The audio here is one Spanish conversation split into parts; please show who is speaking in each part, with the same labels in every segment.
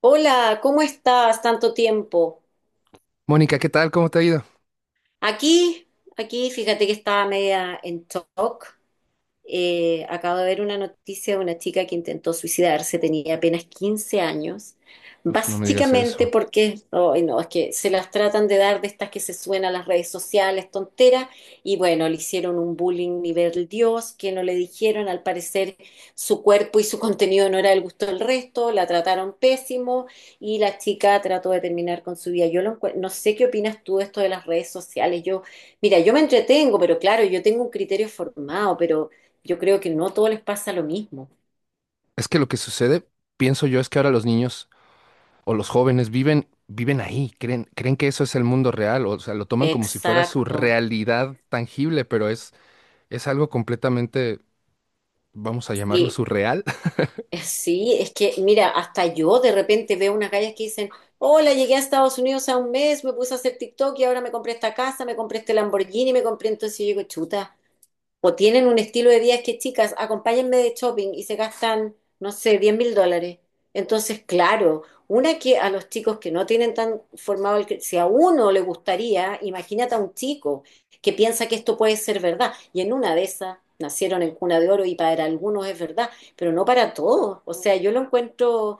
Speaker 1: Hola, ¿cómo estás? Tanto tiempo.
Speaker 2: Mónica, ¿qué tal? ¿Cómo te ha ido?
Speaker 1: Aquí, aquí, fíjate que estaba media en shock. Acabo de ver una noticia de una chica que intentó suicidarse, tenía apenas 15 años,
Speaker 2: Uf, no me digas
Speaker 1: básicamente
Speaker 2: eso.
Speaker 1: porque, ay, no, es que se las tratan de dar de estas que se suenan a las redes sociales, tontera, y bueno, le hicieron un bullying nivel Dios, que no le dijeron, al parecer su cuerpo y su contenido no era del gusto del resto, la trataron pésimo y la chica trató de terminar con su vida. No sé qué opinas tú de esto de las redes sociales, yo, mira, yo me entretengo, pero claro, yo tengo un criterio formado, pero... Yo creo que no todo les pasa lo mismo.
Speaker 2: Es que lo que sucede, pienso yo, es que ahora los niños o los jóvenes viven ahí, creen que eso es el mundo real, o sea, lo toman como si fuera su
Speaker 1: Exacto.
Speaker 2: realidad tangible, pero es algo completamente, vamos a llamarlo
Speaker 1: Sí,
Speaker 2: surreal.
Speaker 1: sí, es que, mira, hasta yo de repente veo unas gallas que dicen, hola, llegué a Estados Unidos a un mes, me puse a hacer TikTok y ahora me compré esta casa, me compré este Lamborghini, me compré, entonces yo digo, chuta, o tienen un estilo de vida es que, chicas, acompáñenme de shopping y se gastan, no sé, $10.000. Entonces, claro, una que a los chicos que no tienen tan formado si a uno le gustaría, imagínate a un chico que piensa que esto puede ser verdad. Y en una de esas nacieron en cuna de oro y para algunos es verdad, pero no para todos. O sea, yo lo encuentro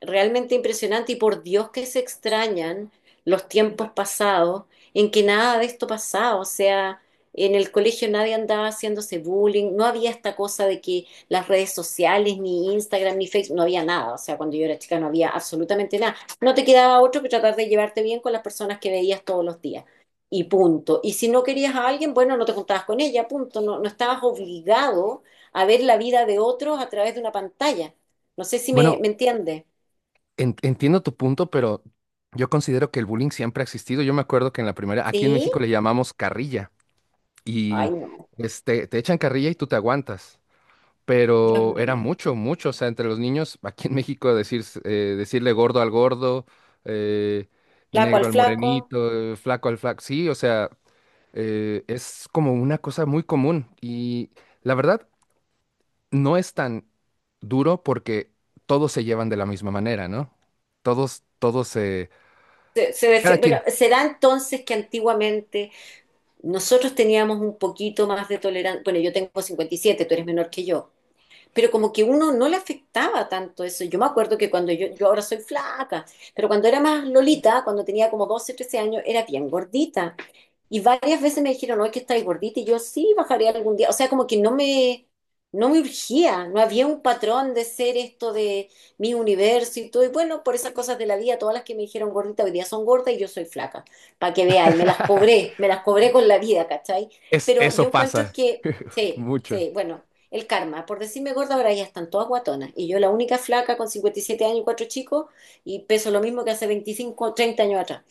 Speaker 1: realmente impresionante y por Dios que se extrañan los tiempos pasados en que nada de esto pasaba, o sea, en el colegio nadie andaba haciéndose bullying, no había esta cosa de que las redes sociales, ni Instagram, ni Facebook, no había nada, o sea, cuando yo era chica no había absolutamente nada. No te quedaba otro que tratar de llevarte bien con las personas que veías todos los días. Y punto. Y si no querías a alguien, bueno, no te juntabas con ella, punto. No, no estabas obligado a ver la vida de otros a través de una pantalla. No sé si
Speaker 2: Bueno,
Speaker 1: me entiendes.
Speaker 2: entiendo tu punto, pero yo considero que el bullying siempre ha existido. Yo me acuerdo que en la primera, aquí en
Speaker 1: ¿Sí?
Speaker 2: México le llamamos carrilla
Speaker 1: Ay,
Speaker 2: y
Speaker 1: no,
Speaker 2: este, te echan carrilla y tú te aguantas.
Speaker 1: Dios
Speaker 2: Pero era
Speaker 1: mío.
Speaker 2: mucho, mucho, o sea, entre los niños, aquí en México decir, decirle gordo al gordo, eh,
Speaker 1: Flaco
Speaker 2: negro
Speaker 1: al
Speaker 2: al
Speaker 1: flaco.
Speaker 2: morenito, flaco al flaco, sí, o sea, es como una cosa muy común y la verdad no es tan duro porque todos se llevan de la misma manera, ¿no? Todos, todos,
Speaker 1: Se, se
Speaker 2: cada
Speaker 1: defi- bueno,
Speaker 2: quien.
Speaker 1: será entonces que antiguamente nosotros teníamos un poquito más de tolerancia. Bueno, yo tengo 57, tú eres menor que yo. Pero como que uno no le afectaba tanto eso. Yo me acuerdo que cuando yo ahora soy flaca, pero cuando era más lolita, cuando tenía como 12 13 años, era bien gordita. Y varias veces me dijeron, no, es que estáis gordita, y yo sí bajaría algún día. O sea, como que no me urgía, no había un patrón de ser esto de mi universo y todo. Y bueno, por esas cosas de la vida, todas las que me dijeron gordita hoy día son gordas y yo soy flaca, para que veáis, me las cobré con la vida, ¿cachai?
Speaker 2: Es,
Speaker 1: Pero
Speaker 2: eso
Speaker 1: yo encuentro
Speaker 2: pasa
Speaker 1: que, sí,
Speaker 2: mucho.
Speaker 1: sí, bueno, el karma, por decirme gorda, ahora ya están todas guatonas. Y yo la única flaca con 57 años y cuatro chicos y peso lo mismo que hace 25 o 30 años atrás.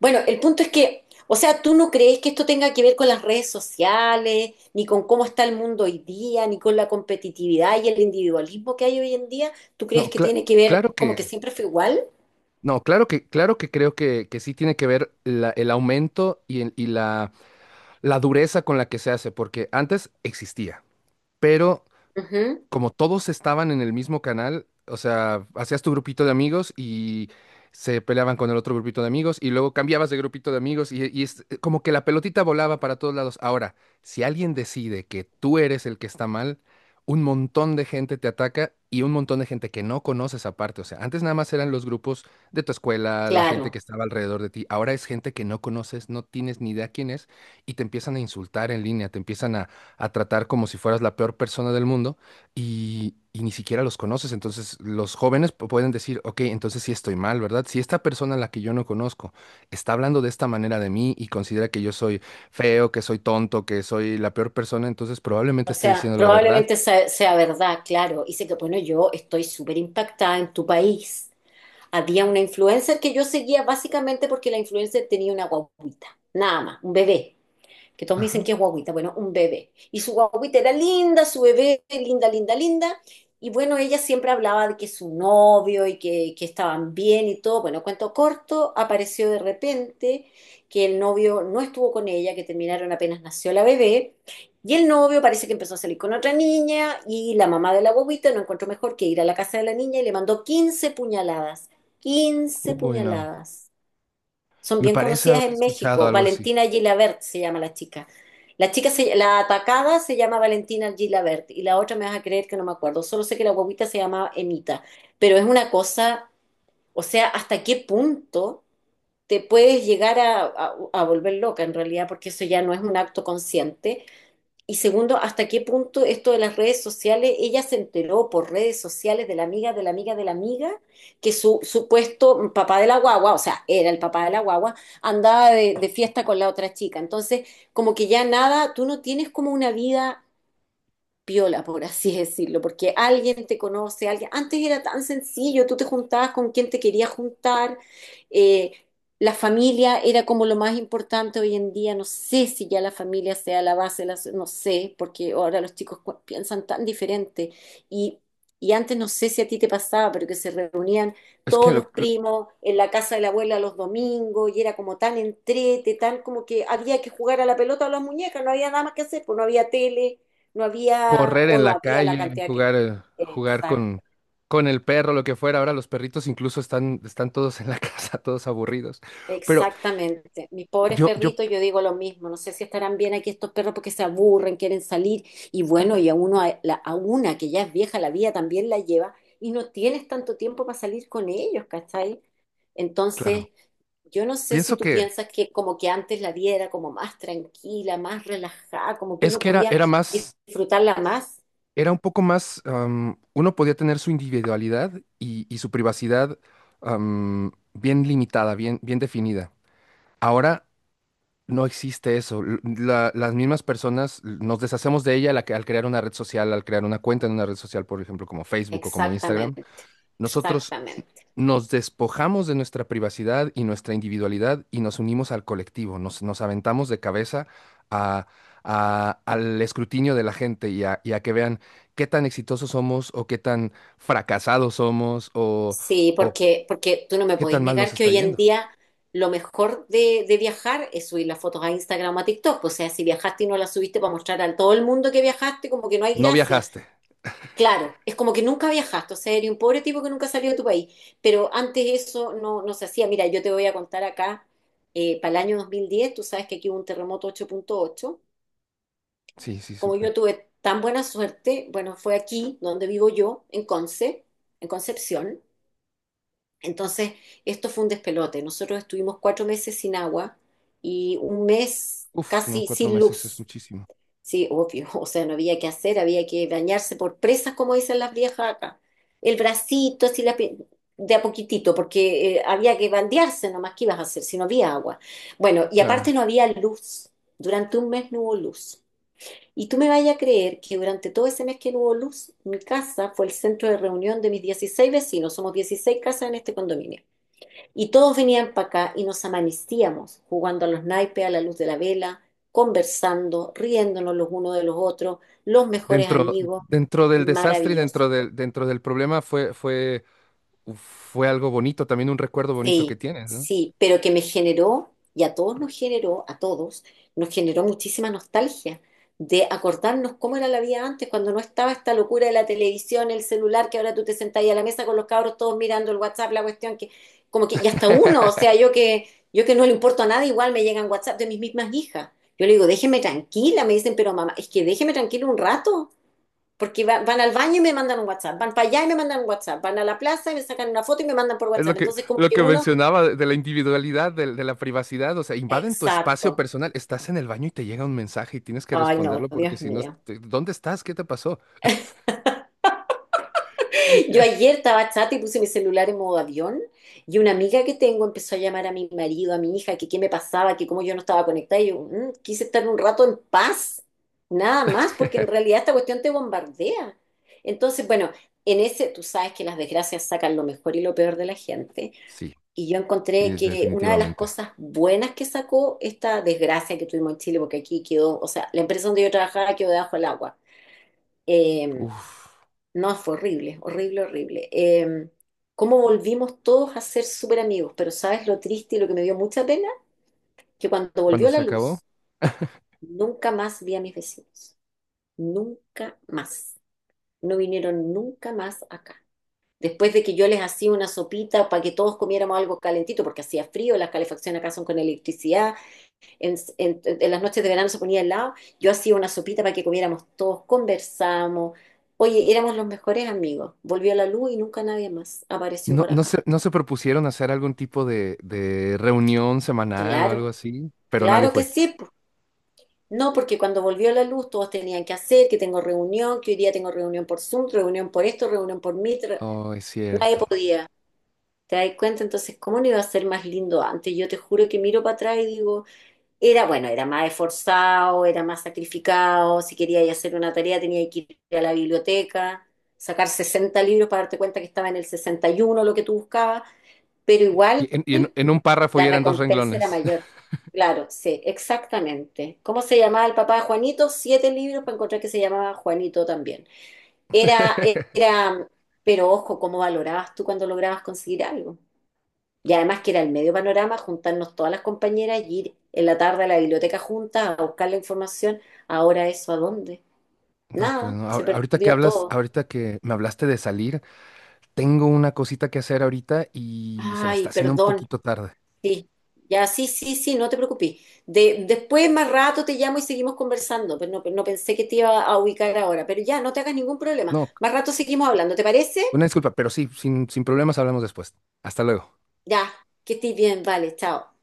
Speaker 1: Bueno, el punto es que, o sea, ¿tú no crees que esto tenga que ver con las redes sociales, ni con cómo está el mundo hoy día, ni con la competitividad y el individualismo que hay hoy en día? ¿Tú crees
Speaker 2: No,
Speaker 1: que
Speaker 2: cla-
Speaker 1: tiene que ver
Speaker 2: claro
Speaker 1: como
Speaker 2: que...
Speaker 1: que siempre fue igual?
Speaker 2: No, claro que creo que sí tiene que ver el aumento y, y la dureza con la que se hace, porque antes existía, pero
Speaker 1: Ujú,
Speaker 2: como todos estaban en el mismo canal, o sea, hacías tu grupito de amigos y se peleaban con el otro grupito de amigos y luego cambiabas de grupito de amigos y es como que la pelotita volaba para todos lados. Ahora, si alguien decide que tú eres el que está mal, un montón de gente te ataca y un montón de gente que no conoces aparte. O sea, antes nada más eran los grupos de tu escuela, la gente que
Speaker 1: claro.
Speaker 2: estaba alrededor de ti. Ahora es gente que no conoces, no tienes ni idea quién es y te empiezan a insultar en línea, te empiezan a tratar como si fueras la peor persona del mundo y ni siquiera los conoces. Entonces los jóvenes pueden decir, ok, entonces sí estoy mal, ¿verdad? Si esta persona a la que yo no conozco está hablando de esta manera de mí y considera que yo soy feo, que soy tonto, que soy la peor persona, entonces probablemente
Speaker 1: O
Speaker 2: esté
Speaker 1: sea,
Speaker 2: diciendo la verdad.
Speaker 1: probablemente sea verdad, claro. Y sé que, bueno, yo estoy súper impactada en tu país. Había una influencer que yo seguía básicamente porque la influencer tenía una guaguita, nada más, un bebé que todos me dicen
Speaker 2: Ajá.
Speaker 1: que es guaguita, bueno, un bebé. Y su guaguita era linda, su bebé, linda, linda, linda. Y bueno, ella siempre hablaba de que su novio y que estaban bien y todo. Bueno, cuento corto, apareció de repente que el novio no estuvo con ella, que terminaron apenas nació la bebé. Y el novio parece que empezó a salir con otra niña y la mamá de la guaguita no encontró mejor que ir a la casa de la niña y le mandó 15 puñaladas. quince
Speaker 2: Uy, no.
Speaker 1: puñaladas. Son
Speaker 2: Me
Speaker 1: bien
Speaker 2: parece
Speaker 1: conocidas
Speaker 2: haber
Speaker 1: en
Speaker 2: escuchado
Speaker 1: México.
Speaker 2: algo así.
Speaker 1: Valentina Gilabert se llama la chica. La atacada se llama Valentina Gilabert y la otra me vas a creer que no me acuerdo. Solo sé que la guaguita se llama Emita. Pero es una cosa, o sea, ¿hasta qué punto te puedes llegar a volver loca en realidad? Porque eso ya no es un acto consciente. Y segundo, ¿hasta qué punto esto de las redes sociales, ella se enteró por redes sociales de la amiga, de la amiga, de la amiga, que su supuesto papá de la guagua, o sea, era el papá de la guagua, andaba de fiesta con la otra chica. Entonces, como que ya nada, tú no tienes como una vida piola, por así decirlo, porque alguien te conoce, alguien, antes era tan sencillo, tú te juntabas con quien te querías juntar, eh, la familia era como lo más importante hoy en día, no sé si ya la familia sea la base, no sé, porque ahora los chicos piensan tan diferente y, y antes no sé si a ti te pasaba, pero que se reunían
Speaker 2: Es que
Speaker 1: todos los
Speaker 2: lo-
Speaker 1: primos en la casa de la abuela los domingos y era como tan entrete, tan como que había que jugar a la pelota o a las muñecas, no había nada más que hacer, pues no había tele. No había,
Speaker 2: Correr
Speaker 1: o
Speaker 2: en
Speaker 1: no
Speaker 2: la
Speaker 1: había la
Speaker 2: calle,
Speaker 1: cantidad que...
Speaker 2: jugar, jugar
Speaker 1: Exact-
Speaker 2: con el perro, lo que fuera. Ahora los perritos incluso están todos en la casa, todos aburridos. Pero
Speaker 1: exactamente. Mis pobres
Speaker 2: yo, yo,
Speaker 1: perritos, yo digo lo mismo. No sé si estarán bien aquí estos perros porque se aburren, quieren salir. Y bueno, y a uno, a una que ya es vieja, la vida también la lleva. Y no tienes tanto tiempo para salir con ellos, ¿cachai?
Speaker 2: claro,
Speaker 1: Entonces, yo no sé si
Speaker 2: pienso
Speaker 1: tú
Speaker 2: que
Speaker 1: piensas que como que antes la vida era como más tranquila, más relajada, como que uno podía
Speaker 2: Era más,
Speaker 1: disfrutarla más.
Speaker 2: era un poco más, uno podía tener su individualidad y su privacidad bien limitada, bien, bien definida. Ahora no existe eso. Las mismas personas nos deshacemos de ella al crear una red social, al crear una cuenta en una red social, por ejemplo, como Facebook o como Instagram.
Speaker 1: Exactamente,
Speaker 2: Nosotros
Speaker 1: exactamente.
Speaker 2: nos despojamos de nuestra privacidad y nuestra individualidad y nos unimos al colectivo, nos aventamos de cabeza a- al escrutinio de la gente y a que vean qué tan exitosos somos o qué tan fracasados somos
Speaker 1: Sí,
Speaker 2: o
Speaker 1: porque tú no me
Speaker 2: qué
Speaker 1: podéis
Speaker 2: tan mal
Speaker 1: negar
Speaker 2: nos
Speaker 1: que
Speaker 2: está
Speaker 1: hoy en
Speaker 2: yendo.
Speaker 1: día lo mejor de viajar es subir las fotos a Instagram o a TikTok. O sea, si viajaste y no las subiste para mostrar a todo el mundo que viajaste, como que no hay
Speaker 2: No
Speaker 1: gracia.
Speaker 2: viajaste.
Speaker 1: Claro, es como que nunca viajaste, o sea, eres un pobre tipo que nunca salió de tu país. Pero antes eso no, no se hacía. Mira, yo te voy a contar acá, para el año 2010. Tú sabes que aquí hubo un terremoto 8,8.
Speaker 2: Sí, sí,
Speaker 1: Como
Speaker 2: súper.
Speaker 1: yo tuve tan buena suerte, bueno, fue aquí donde vivo yo, en Conce, en Concepción. Entonces, esto fue un despelote. Nosotros estuvimos 4 meses sin agua y un mes
Speaker 2: Uf, no,
Speaker 1: casi
Speaker 2: cuatro
Speaker 1: sin
Speaker 2: meses es
Speaker 1: luz.
Speaker 2: muchísimo.
Speaker 1: Sí, obvio, o sea, no había que hacer, había que bañarse por presas, como dicen las viejas acá. El bracito, así de a poquitito, porque había que bandearse nomás, ¿qué ibas a hacer si no había agua? Bueno, y aparte
Speaker 2: Claro.
Speaker 1: no había luz. Durante un mes no hubo luz. Y tú me vayas a creer que durante todo ese mes que no hubo luz, mi casa fue el centro de reunión de mis 16 vecinos. Somos 16 casas en este condominio. Y todos venían para acá y nos amanecíamos jugando a los naipes a la luz de la vela, conversando, riéndonos los unos de los otros, los mejores
Speaker 2: Dentro,
Speaker 1: amigos.
Speaker 2: dentro del desastre y
Speaker 1: Maravilloso.
Speaker 2: dentro del problema fue, fue, fue algo bonito, también un recuerdo bonito que
Speaker 1: Sí,
Speaker 2: tienes, ¿no?
Speaker 1: sí, pero que me generó, y a todos nos generó, a todos, nos generó muchísima nostalgia de acordarnos cómo era la vida antes, cuando no estaba esta locura de la televisión, el celular, que ahora tú te sentás ahí a la mesa con los cabros todos mirando el WhatsApp, la cuestión que, como que, y hasta uno, o sea, yo que no le importo a nadie, igual me llegan WhatsApp de mis mismas hijas. Yo le digo, déjeme tranquila, me dicen, pero mamá, es que déjeme tranquila un rato, porque van al baño y me mandan un WhatsApp, van para allá y me mandan un WhatsApp, van a la plaza y me sacan una foto y me mandan por
Speaker 2: Es
Speaker 1: WhatsApp. Entonces, como
Speaker 2: lo
Speaker 1: que
Speaker 2: que
Speaker 1: uno.
Speaker 2: mencionaba de la individualidad, de la privacidad, o sea, invaden tu espacio
Speaker 1: Exacto.
Speaker 2: personal, estás en el baño y te llega un mensaje y tienes que
Speaker 1: Ay, no,
Speaker 2: responderlo porque
Speaker 1: Dios
Speaker 2: si no,
Speaker 1: mío.
Speaker 2: te- ¿dónde estás? ¿Qué te pasó?
Speaker 1: Yo
Speaker 2: Ya.
Speaker 1: ayer estaba chata y puse mi celular en modo avión y una amiga que tengo empezó a llamar a mi marido, a mi hija, que qué me pasaba, que cómo yo no estaba conectada. Y yo "Mm, quise estar un rato en paz, nada más, porque en realidad esta cuestión te bombardea. Entonces, bueno, en ese tú sabes que las desgracias sacan lo mejor y lo peor de la gente.
Speaker 2: Sí,
Speaker 1: Y yo encontré
Speaker 2: sí,
Speaker 1: que una de las
Speaker 2: definitivamente.
Speaker 1: cosas buenas que sacó esta desgracia que tuvimos en Chile, porque aquí quedó, o sea, la empresa donde yo trabajaba quedó debajo del agua. Eh,
Speaker 2: Uf,
Speaker 1: No, fue horrible, horrible, horrible. Cómo volvimos todos a ser súper amigos, pero ¿sabes lo triste y lo que me dio mucha pena? Que cuando
Speaker 2: cuando
Speaker 1: volvió la
Speaker 2: se acabó,
Speaker 1: luz, nunca más vi a mis vecinos. Nunca más. No vinieron nunca más acá. Después de que yo les hacía una sopita para que todos comiéramos algo calentito, porque hacía frío, las calefacciones acá son con electricidad en las noches de verano se ponía al lado, yo hacía una sopita para que comiéramos todos, conversamos. Oye, éramos los mejores amigos. Volvió la luz y nunca nadie más apareció por acá.
Speaker 2: no se propusieron hacer algún tipo de reunión semanal o algo
Speaker 1: Claro,
Speaker 2: así, pero nadie
Speaker 1: claro que
Speaker 2: fue.
Speaker 1: sí. Po. No, porque cuando volvió la luz todos tenían que hacer, que tengo reunión, que hoy día tengo reunión por Zoom, reunión por esto, reunión por Meet,
Speaker 2: Oh, es
Speaker 1: nadie
Speaker 2: cierto.
Speaker 1: podía. ¿Te das cuenta? Entonces, ¿cómo no iba a ser más lindo antes? Yo te juro que miro para atrás y digo... Era, bueno, era más esforzado, era más sacrificado. Si quería ir a hacer una tarea, tenía que ir a la biblioteca, sacar 60 libros para darte cuenta que estaba en el 61 lo que tú buscabas, pero igual
Speaker 2: En un párrafo y
Speaker 1: la
Speaker 2: eran dos
Speaker 1: recompensa era
Speaker 2: renglones.
Speaker 1: mayor. Claro, sí, exactamente. ¿Cómo se llamaba el papá de Juanito? Siete libros para encontrar que se llamaba Juanito también. Era, Era, pero ojo, ¿cómo valorabas tú cuando lograbas conseguir algo? Y además que era el medio panorama juntarnos todas las compañeras y ir en la tarde a la biblioteca juntas a buscar la información. Ahora eso, ¿a dónde?
Speaker 2: No, pues
Speaker 1: Nada,
Speaker 2: no.
Speaker 1: se
Speaker 2: Ahorita que
Speaker 1: perdió
Speaker 2: hablas,
Speaker 1: todo.
Speaker 2: ahorita que me hablaste de salir, tengo una cosita que hacer ahorita y se me
Speaker 1: Ay,
Speaker 2: está haciendo un
Speaker 1: perdón.
Speaker 2: poquito tarde.
Speaker 1: Sí, ya, sí, sí, sí, no te preocupes. Después, más rato, te llamo y seguimos conversando. Pero no, no pensé que te iba a ubicar ahora. Pero ya, no te hagas ningún problema.
Speaker 2: No,
Speaker 1: Más rato seguimos hablando, ¿te parece?
Speaker 2: una disculpa, pero sí, sin, sin problemas hablamos después. Hasta luego.
Speaker 1: Ya, que estés bien, vale, chao.